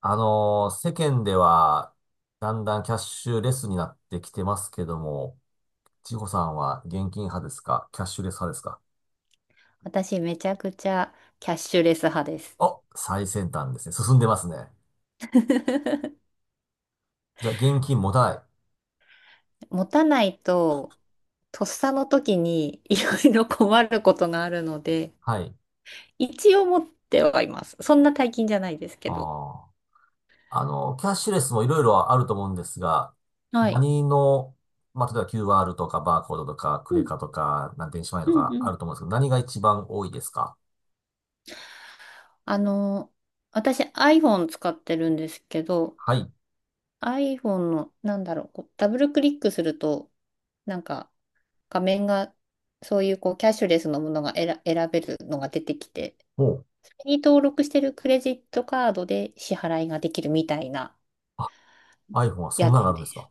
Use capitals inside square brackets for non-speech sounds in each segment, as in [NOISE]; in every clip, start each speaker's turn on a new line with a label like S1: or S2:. S1: 世間では、だんだんキャッシュレスになってきてますけども、千穂さんは現金派ですか、キャッシュレス派ですか？
S2: 私めちゃくちゃキャッシュレス派です。
S1: お、最先端ですね。進んでますね。
S2: [LAUGHS]
S1: じゃあ、現金持たない。
S2: 持たないと、とっさの時にいろいろ困ることがあるので、
S1: はい。
S2: 一応持ってはいます。そんな大金じゃないですけど。
S1: あーキャッシュレスもいろいろあると思うんですが、
S2: はい。
S1: 何の、まあ、例えば QR とかバーコードとか、ク
S2: う
S1: レ
S2: ん
S1: カとか、電子マネーと
S2: うん
S1: か
S2: う
S1: あ
S2: ん。
S1: ると思うんですけど、何が一番多いですか？
S2: あの、私 iPhone 使ってるんですけど、
S1: はい。
S2: iPhone の、なんだろう、こうダブルクリックすると、なんか画面が、そういうこうキャッシュレスのものが選べるのが出てきて、
S1: おう。
S2: に登録してるクレジットカードで支払いができるみたいな
S1: あ、iPhone はそん
S2: やつ
S1: なのがあ
S2: で
S1: るんですか？
S2: す。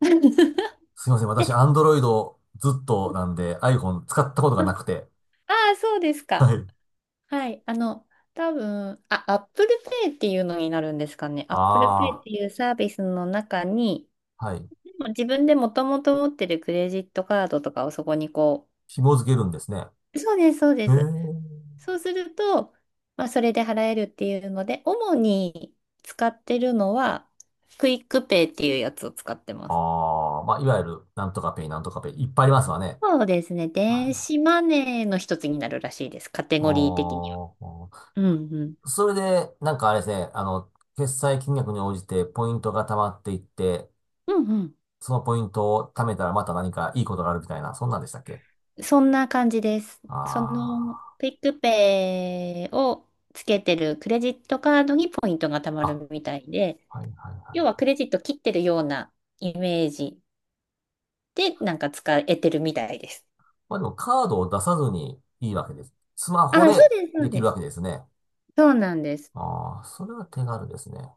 S2: [LAUGHS]
S1: すいません。私、
S2: で、
S1: アンドロイドずっとなんで、iPhone 使ったことがなくて。
S2: ああ、そうです
S1: は
S2: か。
S1: い。
S2: はい。多分、あ、Apple Pay っていうのになるんですかね。Apple Pay っ
S1: あ
S2: ていうサービスの中に、
S1: あ、はい。
S2: でも自分でもともと持ってるクレジットカードとかをそこに
S1: 紐付けるんですね。へ
S2: そうです、そうで
S1: え。
S2: す。そうすると、まあ、それで払えるっていうので、主に使ってるのは、クイックペイっていうやつを使ってます。
S1: ああ、まあ、いわゆる、なんとかペイ、なんとかペイ、いっぱいありますわね。
S2: そうですね。
S1: は
S2: 電
S1: い。
S2: 子マネーの一つになるらしいです。カテゴリー的には。
S1: おー、
S2: うんうん。
S1: それで、なんかあれですね、あの、決済金額に応じてポイントが溜まっていって、
S2: うんうん。
S1: そのポイントを貯めたらまた何かいいことがあるみたいな、そんなんでしたっけ？
S2: そんな感じです。その、
S1: あ
S2: クイックペイをつけてるクレジットカードにポイントが貯ま
S1: あー、
S2: るみたいで、
S1: あ、はいはいはい
S2: 要は
S1: はい。
S2: クレジット切ってるようなイメージでなんか使えてるみたいです。
S1: まあでもカードを出さずにいいわけです。スマホ
S2: あ、そう
S1: で
S2: です、そ
S1: で
S2: う
S1: きる
S2: で
S1: わ
S2: す。
S1: けですね。
S2: そうなんです。
S1: ああ、それは手軽ですね。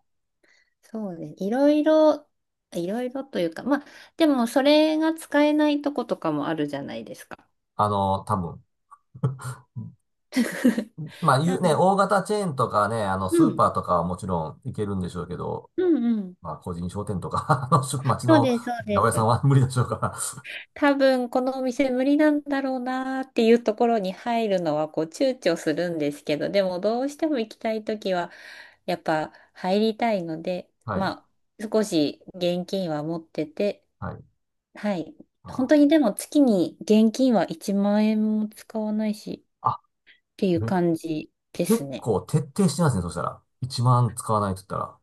S2: そうです。いろいろ、いろいろというか、まあ、でもそれが使えないとことかもあるじゃないですか。
S1: あの、多分。[LAUGHS]
S2: [LAUGHS]
S1: まあ、いうね、大型チェーンとかね、あの、
S2: う
S1: スー
S2: ん。
S1: パーとかはもちろん行けるんでしょうけど、
S2: うんうん。
S1: まあ、個人商店とか、[LAUGHS] あの、町
S2: そう
S1: の
S2: です、そ
S1: 八
S2: うで
S1: 百屋さん
S2: す。
S1: は無理でしょうから。
S2: 多分このお店無理なんだろうなーっていうところに入るのはこう躊躇するんですけど、でもどうしても行きたいときはやっぱ入りたいので、
S1: [LAUGHS] はい、
S2: まあ少し現金は持ってて、
S1: はい。
S2: はい。本
S1: あ
S2: 当にでも月に現金は1万円も使わないし
S1: ー、あ
S2: っていう
S1: め
S2: 感じです
S1: 結
S2: ね。
S1: 構徹底してますね、そしたら。1万使わないと言ったら。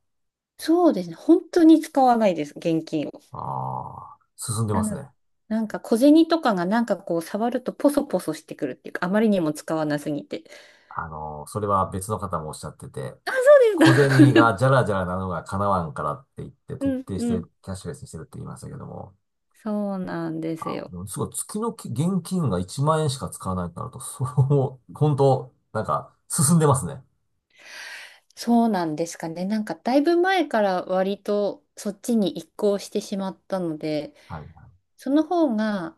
S2: そうですね。本当に使わないです、現金を。
S1: ああ、進んでま
S2: な
S1: す
S2: の、
S1: ね。
S2: なんか小銭とかがなんかこう触るとポソポソしてくるっていうか、あまりにも使わなすぎて。
S1: あの、それは別の方もおっしゃってて、小
S2: そ
S1: 銭
S2: うです。
S1: がじゃ
S2: [LAUGHS]
S1: らじゃらなのが叶わんからって言って
S2: う
S1: 徹
S2: ん
S1: 底し
S2: うん。
S1: てキャッシュレスにしてるって言いましたけども。
S2: そうなんです
S1: あ、
S2: よ。
S1: でもすごい月の現金が1万円しか使わないとなると、そう、本当なんか進んでますね。
S2: そうなんですかね。なんかだいぶ前から割とそっちに移行してしまったので、
S1: はいはい。
S2: その方が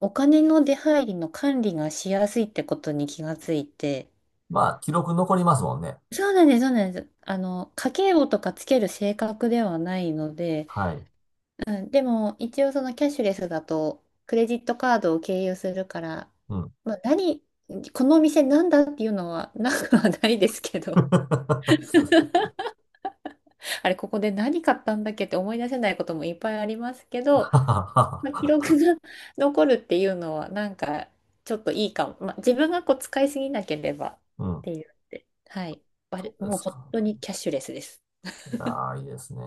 S2: お金の出入りの管理がしやすいってことに気がついて、
S1: まあ、記録残りますもんね。
S2: そうなんです、そうなんです。家計簿とかつける性格ではないので、
S1: はい。
S2: うん、でも一応そのキャッシュレスだとクレジットカードを経由するから、
S1: うん。
S2: まあ、何このお店なんだっていうのはなくはないですけど
S1: [LAUGHS]
S2: [LAUGHS] あれここで何買ったんだっけって思い出せないこともいっぱいありますけど、まあ、記録が [LAUGHS] 残るっていうのはなんかちょっといいかも、まあ、自分がこう使いすぎなければっ
S1: うん。
S2: ていうので、はい、あれ
S1: そうで
S2: もう
S1: す
S2: 本
S1: か。
S2: 当にキャッシュレスです。
S1: いやー、いいですね。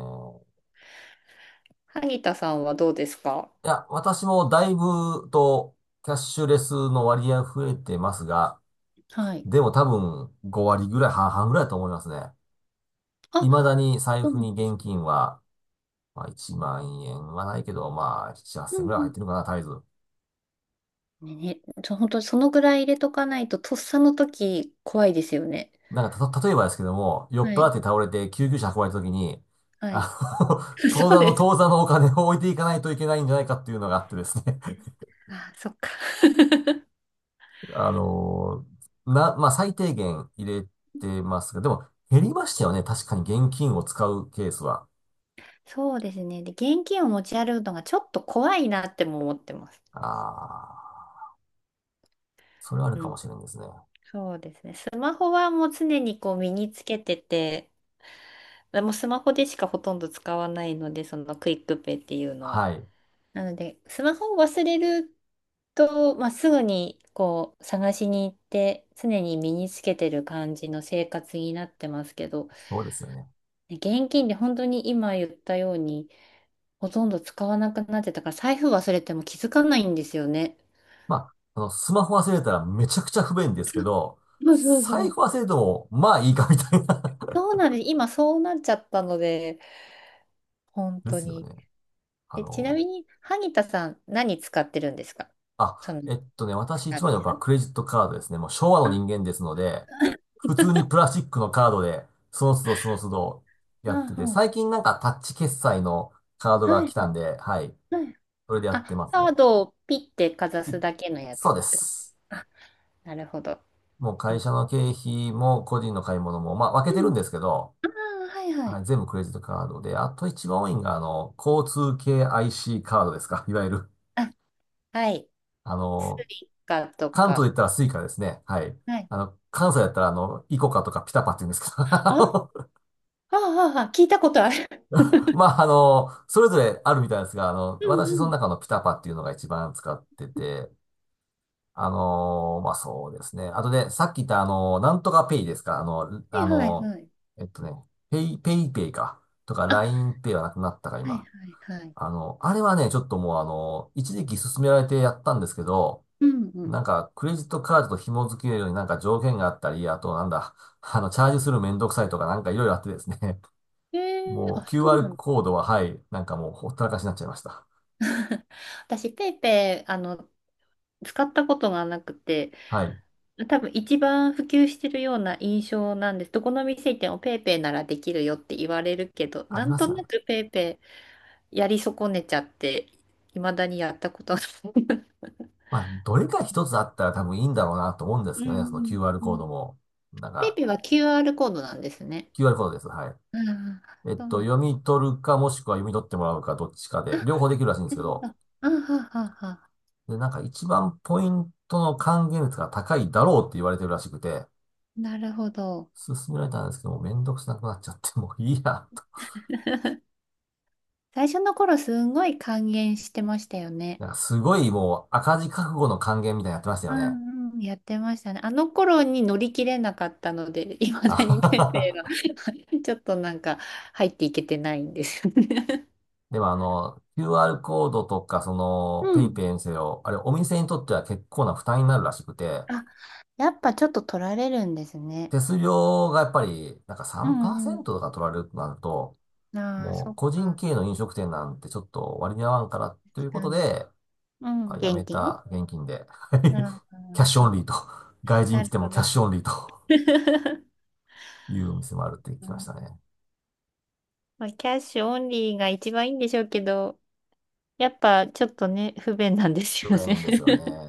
S2: 萩田さんはどうですか？
S1: いや、私もだいぶとキャッシュレスの割合増えてますが、
S2: はい。
S1: でも多分5割ぐらい、半々ぐらいだと思いますね。
S2: あ、
S1: 未だに財
S2: そう
S1: 布
S2: なん
S1: に
S2: です
S1: 現
S2: ね。
S1: 金は、まあ、1万円はないけど、まあ、7、8
S2: う
S1: 千
S2: ん
S1: 円ぐらいは
S2: う
S1: 入
S2: ん、
S1: ってるかな、絶えず。
S2: ね、本当にそのぐらい入れとかないと、とっさの時怖いですよね。
S1: なんか、例えばですけども、酔っ
S2: は
S1: 払っ
S2: い。
S1: て倒れて救急車運ばれた時に、
S2: はい。
S1: あの、[LAUGHS]
S2: [LAUGHS] そうです。
S1: 当座のお金を置いていかないといけないんじゃないかっていうのがあってですね。
S2: あ、そっか。[LAUGHS]
S1: [LAUGHS] あのーな、まあ、最低限入れてますが、でも、減りましたよね。確かに現金を使うケースは。
S2: そうですね。で、現金を持ち歩くのがちょっと怖いなっても思ってます。
S1: ああ、それはある
S2: う
S1: か
S2: ん。
S1: もしれないですね。
S2: そうですね。スマホはもう常にこう身につけてて、もうスマホでしかほとんど使わないので、そのクイックペイっていうのは。
S1: はい。
S2: なので、スマホを忘れると、まあ、すぐにこう探しに行って常に身につけてる感じの生活になってますけど、
S1: そうですよね。
S2: ね現金で本当に今言ったようにほとんど使わなくなってたから財布忘れても気づかないんですよね。
S1: まあ、あの、スマホ忘れたらめちゃくちゃ不便ですけど、
S2: そうそうそ
S1: 財
S2: う。
S1: 布忘れても、まあいいかみたいな。
S2: そう
S1: [LAUGHS]
S2: なんです。今そうなっちゃったので、本
S1: で
S2: 当
S1: すよ
S2: に。
S1: ね。あ
S2: え、ちな
S1: の、
S2: みに、萩田さん何使ってるんですか？そ
S1: あ、
S2: の
S1: えっとね、私
S2: サー
S1: 一
S2: ビ
S1: 枚のや
S2: ス。
S1: っぱクレジットカードですね。もう昭和の
S2: あ、
S1: 人
S2: [LAUGHS]
S1: 間ですので、普通にプラスチックのカードで、その都度やってて、
S2: あ、
S1: 最近なんかタッチ決済のカードが
S2: は
S1: 来
S2: い、
S1: たんで、はい、
S2: はい。
S1: それでやって
S2: あ、
S1: ます
S2: カー
S1: が。
S2: ドをピッてかざ
S1: い
S2: すだけのや
S1: そ
S2: つ
S1: う
S2: っ
S1: で
S2: てこ
S1: す。
S2: と。なるほど。
S1: もう
S2: う
S1: 会
S2: ん。
S1: 社の経費も個人の買い物も、まあ分け
S2: う
S1: てるん
S2: ん、
S1: ですけど、
S2: あー、はいは
S1: は
S2: い。
S1: い、全部クレジットカードで、あと一番多いのが、あの、交通系 IC カードですか。[LAUGHS] いわゆる、
S2: あ、はい。
S1: あ
S2: ス
S1: の、
S2: イカと
S1: 関東で言っ
S2: か。
S1: たらスイカですね。はい。
S2: はい。
S1: あの、関西だったら、あの、イコカとかピタパって言うんですけど、[LAUGHS] あ
S2: あ、
S1: の、
S2: ああ、あ聞いたことある。
S1: ま
S2: [LAUGHS]
S1: あ、あの、それぞれあるみたいですが、あの、
S2: う
S1: 私
S2: んう
S1: その
S2: ん。
S1: 中のピタパっていうのが一番使ってて、あの、まあ、そうですね。あとね、さっき言ったあの、なんとかペイですか。あの、
S2: は
S1: あ
S2: いはい
S1: の、
S2: はい。
S1: えっとね、ペイペイか。とか、
S2: あ、
S1: ラインペイはなくなったか、
S2: はい
S1: 今。
S2: はいはい。
S1: あの、あれはね、ちょっともうあの、一時期勧められてやったんですけど、
S2: うんうん。
S1: なんか、クレジットカードと紐付けるようになんか条件があったり、あとなんだ、[LAUGHS] あの、チャージするめんどくさいとかなんかいろいろあってですね、
S2: え
S1: [LAUGHS]
S2: ー、
S1: もう
S2: あ、そうな
S1: QR
S2: んだ。
S1: コードは、はい、なんかもうほったらかしになっちゃいました。
S2: [LAUGHS] 私、ペイペイ、使ったことがなくて、
S1: はい。
S2: 多分一番普及してるような印象なんです。どこの店行ってもペイペイならできるよって言われるけど、
S1: あ
S2: な
S1: り
S2: ん
S1: ま
S2: と
S1: すよ
S2: な
S1: ね。
S2: くペイペイやり損ねちゃって、いまだにやったことない。
S1: まあ、どれか一つあったら多分いいんだろうなと思うんです
S2: う
S1: けど
S2: ん
S1: ね、その QR
S2: うんう
S1: コー
S2: ん。
S1: ドも。なん
S2: ペイ
S1: か、
S2: ペイは QR コードなんですね。
S1: QR コードです。はい。
S2: ああ、
S1: えっ
S2: そう
S1: と、
S2: な
S1: 読
S2: ん。
S1: み取るかもしくは読み取ってもらうかどっちか
S2: あ、
S1: で、両
S2: な
S1: 方できるらしいんですけ
S2: るほ
S1: ど、
S2: ど。あははは。
S1: で、なんか一番ポイントの還元率が高いだろうって言われてるらしくて、
S2: なるほど。
S1: 勧められたんですけど、もうめんどくさくなっちゃって、[LAUGHS] もういいや、と。
S2: 最初の頃すんごい還元してましたよね。
S1: なんかすごいもう赤字覚悟の還元みたいにやってましたよ
S2: う
S1: ね。
S2: んうん。やってましたね。あの頃に乗り切れなかったので、いま
S1: あ
S2: だ
S1: は
S2: にペイペイ
S1: は
S2: が
S1: は。
S2: [LAUGHS] ちょっとなんか入っていけてないんですよね。
S1: でもあの、QR コードとか、そ
S2: う
S1: の、ペイ
S2: ん。
S1: ペイにせよ、あれお店にとっては結構な負担になるらしくて、
S2: あ、やっぱちょっと取られるんですね。
S1: 手数料がやっぱり、なんか
S2: うんう
S1: 3%とか取られるとなると、
S2: ん。ああ、
S1: も
S2: そ
S1: う
S2: っ
S1: 個人
S2: か。
S1: 経営の飲食店なんてちょっと割に合わんからとい
S2: 確
S1: うこ
S2: か
S1: と
S2: に。
S1: で、
S2: うん、
S1: あ、や
S2: 現
S1: め
S2: 金。
S1: た、現金で。
S2: ああ、
S1: [LAUGHS]
S2: う
S1: キャッシュオン
S2: ん、
S1: リーと。[LAUGHS] 外人
S2: な
S1: 来
S2: る
S1: ても
S2: ほ
S1: キャッ
S2: ど。
S1: シュオンリーと
S2: [LAUGHS]
S1: いうお店もあるって聞
S2: う
S1: きました
S2: ん、
S1: ね。
S2: まあ、キャッシュオンリーが一番いいんでしょうけど、やっぱちょっとね、不便なんで
S1: 不
S2: すよね。
S1: 便ですよね。
S2: [LAUGHS]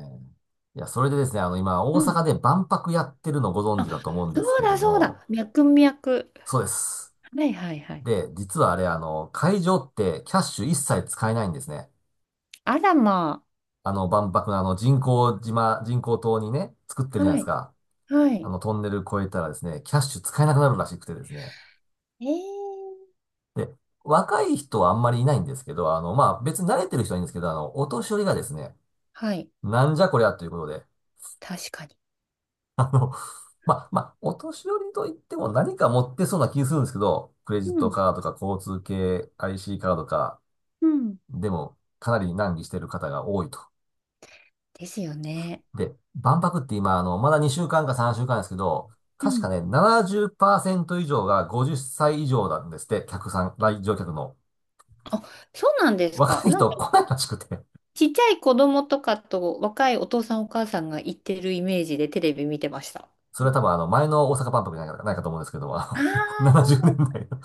S1: いや、それでですね、あの、今、
S2: う
S1: 大
S2: ん。
S1: 阪で万博やってるのご存
S2: あ、
S1: 知だと思うんで
S2: そ
S1: す
S2: う
S1: け
S2: だ
S1: ど
S2: そう
S1: も、
S2: だ。脈々。
S1: そうです。
S2: はいはいはい。
S1: で、実はあれ、あの、会場ってキャッシュ一切使えないんですね。
S2: あらま
S1: あの、万博のあの、人工島にね、作ってる
S2: あ。
S1: じゃないで
S2: は
S1: す
S2: い。
S1: か。
S2: は
S1: あ
S2: い。
S1: の、トンネル越えたらですね、キャッシュ使えなくなるらしくてですね。
S2: えー。
S1: で、若い人はあんまりいないんですけど、あの、まあ、別に慣れてる人はいいんですけど、あの、お年寄りがですね、
S2: はい。
S1: なんじゃこりゃということで、
S2: 確かに。
S1: [LAUGHS] あの、まあ、お年寄りといっても何か持ってそうな気するんですけど、クレジッ
S2: う
S1: ト
S2: ん。
S1: カードとか交通系 IC カードか、
S2: うん。
S1: でも、かなり難儀してる方が多いと。
S2: ですよね。
S1: で、万博って今、あの、まだ2週間か3週間ですけど、
S2: う
S1: 確か
S2: ん。
S1: ね、70%以上が50歳以上なんですって、客さん、来場客の。
S2: あ、そうなんですか。
S1: 若い
S2: なんか
S1: 人来ないらしくて。
S2: ちっちゃい子供とかと若いお父さんお母さんが行ってるイメージでテレビ見てました。
S1: それは多分あの、前の大阪万博じゃないか、ないかと思うんですけども、
S2: あ
S1: あの、[LAUGHS]
S2: あー、そ
S1: 70
S2: う
S1: 年
S2: です、
S1: 代のい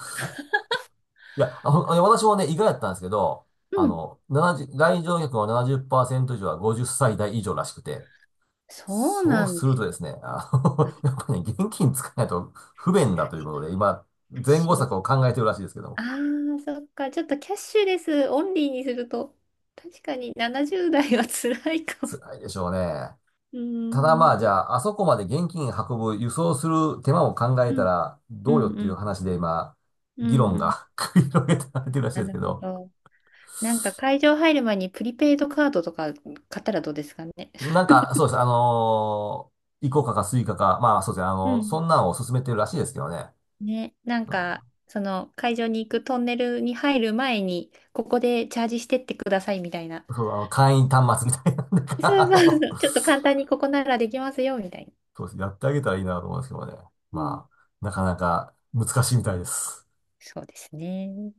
S1: や、あ、ほんいや私もね、意外だったんですけど、
S2: う
S1: あ
S2: ん。
S1: の、70、来場客の70%以上は50歳代以上らしくて、
S2: そう
S1: そう
S2: なん
S1: す
S2: だ
S1: る
S2: よ
S1: とですね、あ
S2: ね。
S1: の、
S2: は
S1: [LAUGHS]
S2: い、
S1: やっぱりね、現金使えないと不便だということで、今、
S2: キャッ
S1: 前
S2: シ
S1: 後
S2: ュレ
S1: 策を
S2: ス。
S1: 考えてるらしいですけど
S2: あ
S1: も、
S2: あ、そっか。ちょっとキャッシュレスオンリーにすると、確かに70代は辛いかも。
S1: 辛いでしょうね。
S2: う
S1: ただま
S2: ん。
S1: あ、じゃあ、あそこまで現金運ぶ、輸送する手間を考え
S2: う
S1: た
S2: ん。
S1: ら、
S2: う
S1: どうよっ
S2: ん。う
S1: ていう
S2: ん。
S1: 話で今、
S2: うん
S1: 議論
S2: うん、
S1: が [LAUGHS] 繰り広げられてるらしい
S2: な
S1: です
S2: る
S1: け
S2: ほ
S1: ど、
S2: ど。なんか会場入る前にプリペイドカードとか買ったらどうですかね。
S1: なんか、そうです。あのーイコカかスイカか、まあそうですね。あ
S2: う
S1: の、
S2: ん。
S1: そんなのを勧めてるらしいですけどね。
S2: ね。なん
S1: うん。
S2: か、その会場に行くトンネルに入る前に、ここでチャージしてってくださいみたいな。
S1: そう、あの、会員端末みたいな [LAUGHS] んだから、
S2: そう
S1: あ
S2: そうそ
S1: の、
S2: う。[LAUGHS] ちょっと簡単にここならできますよみたいな。
S1: そうです。やってあげたらいいなと思うんですけどね。
S2: うん、
S1: まあ、なかなか難しいみたいです。
S2: そうですね。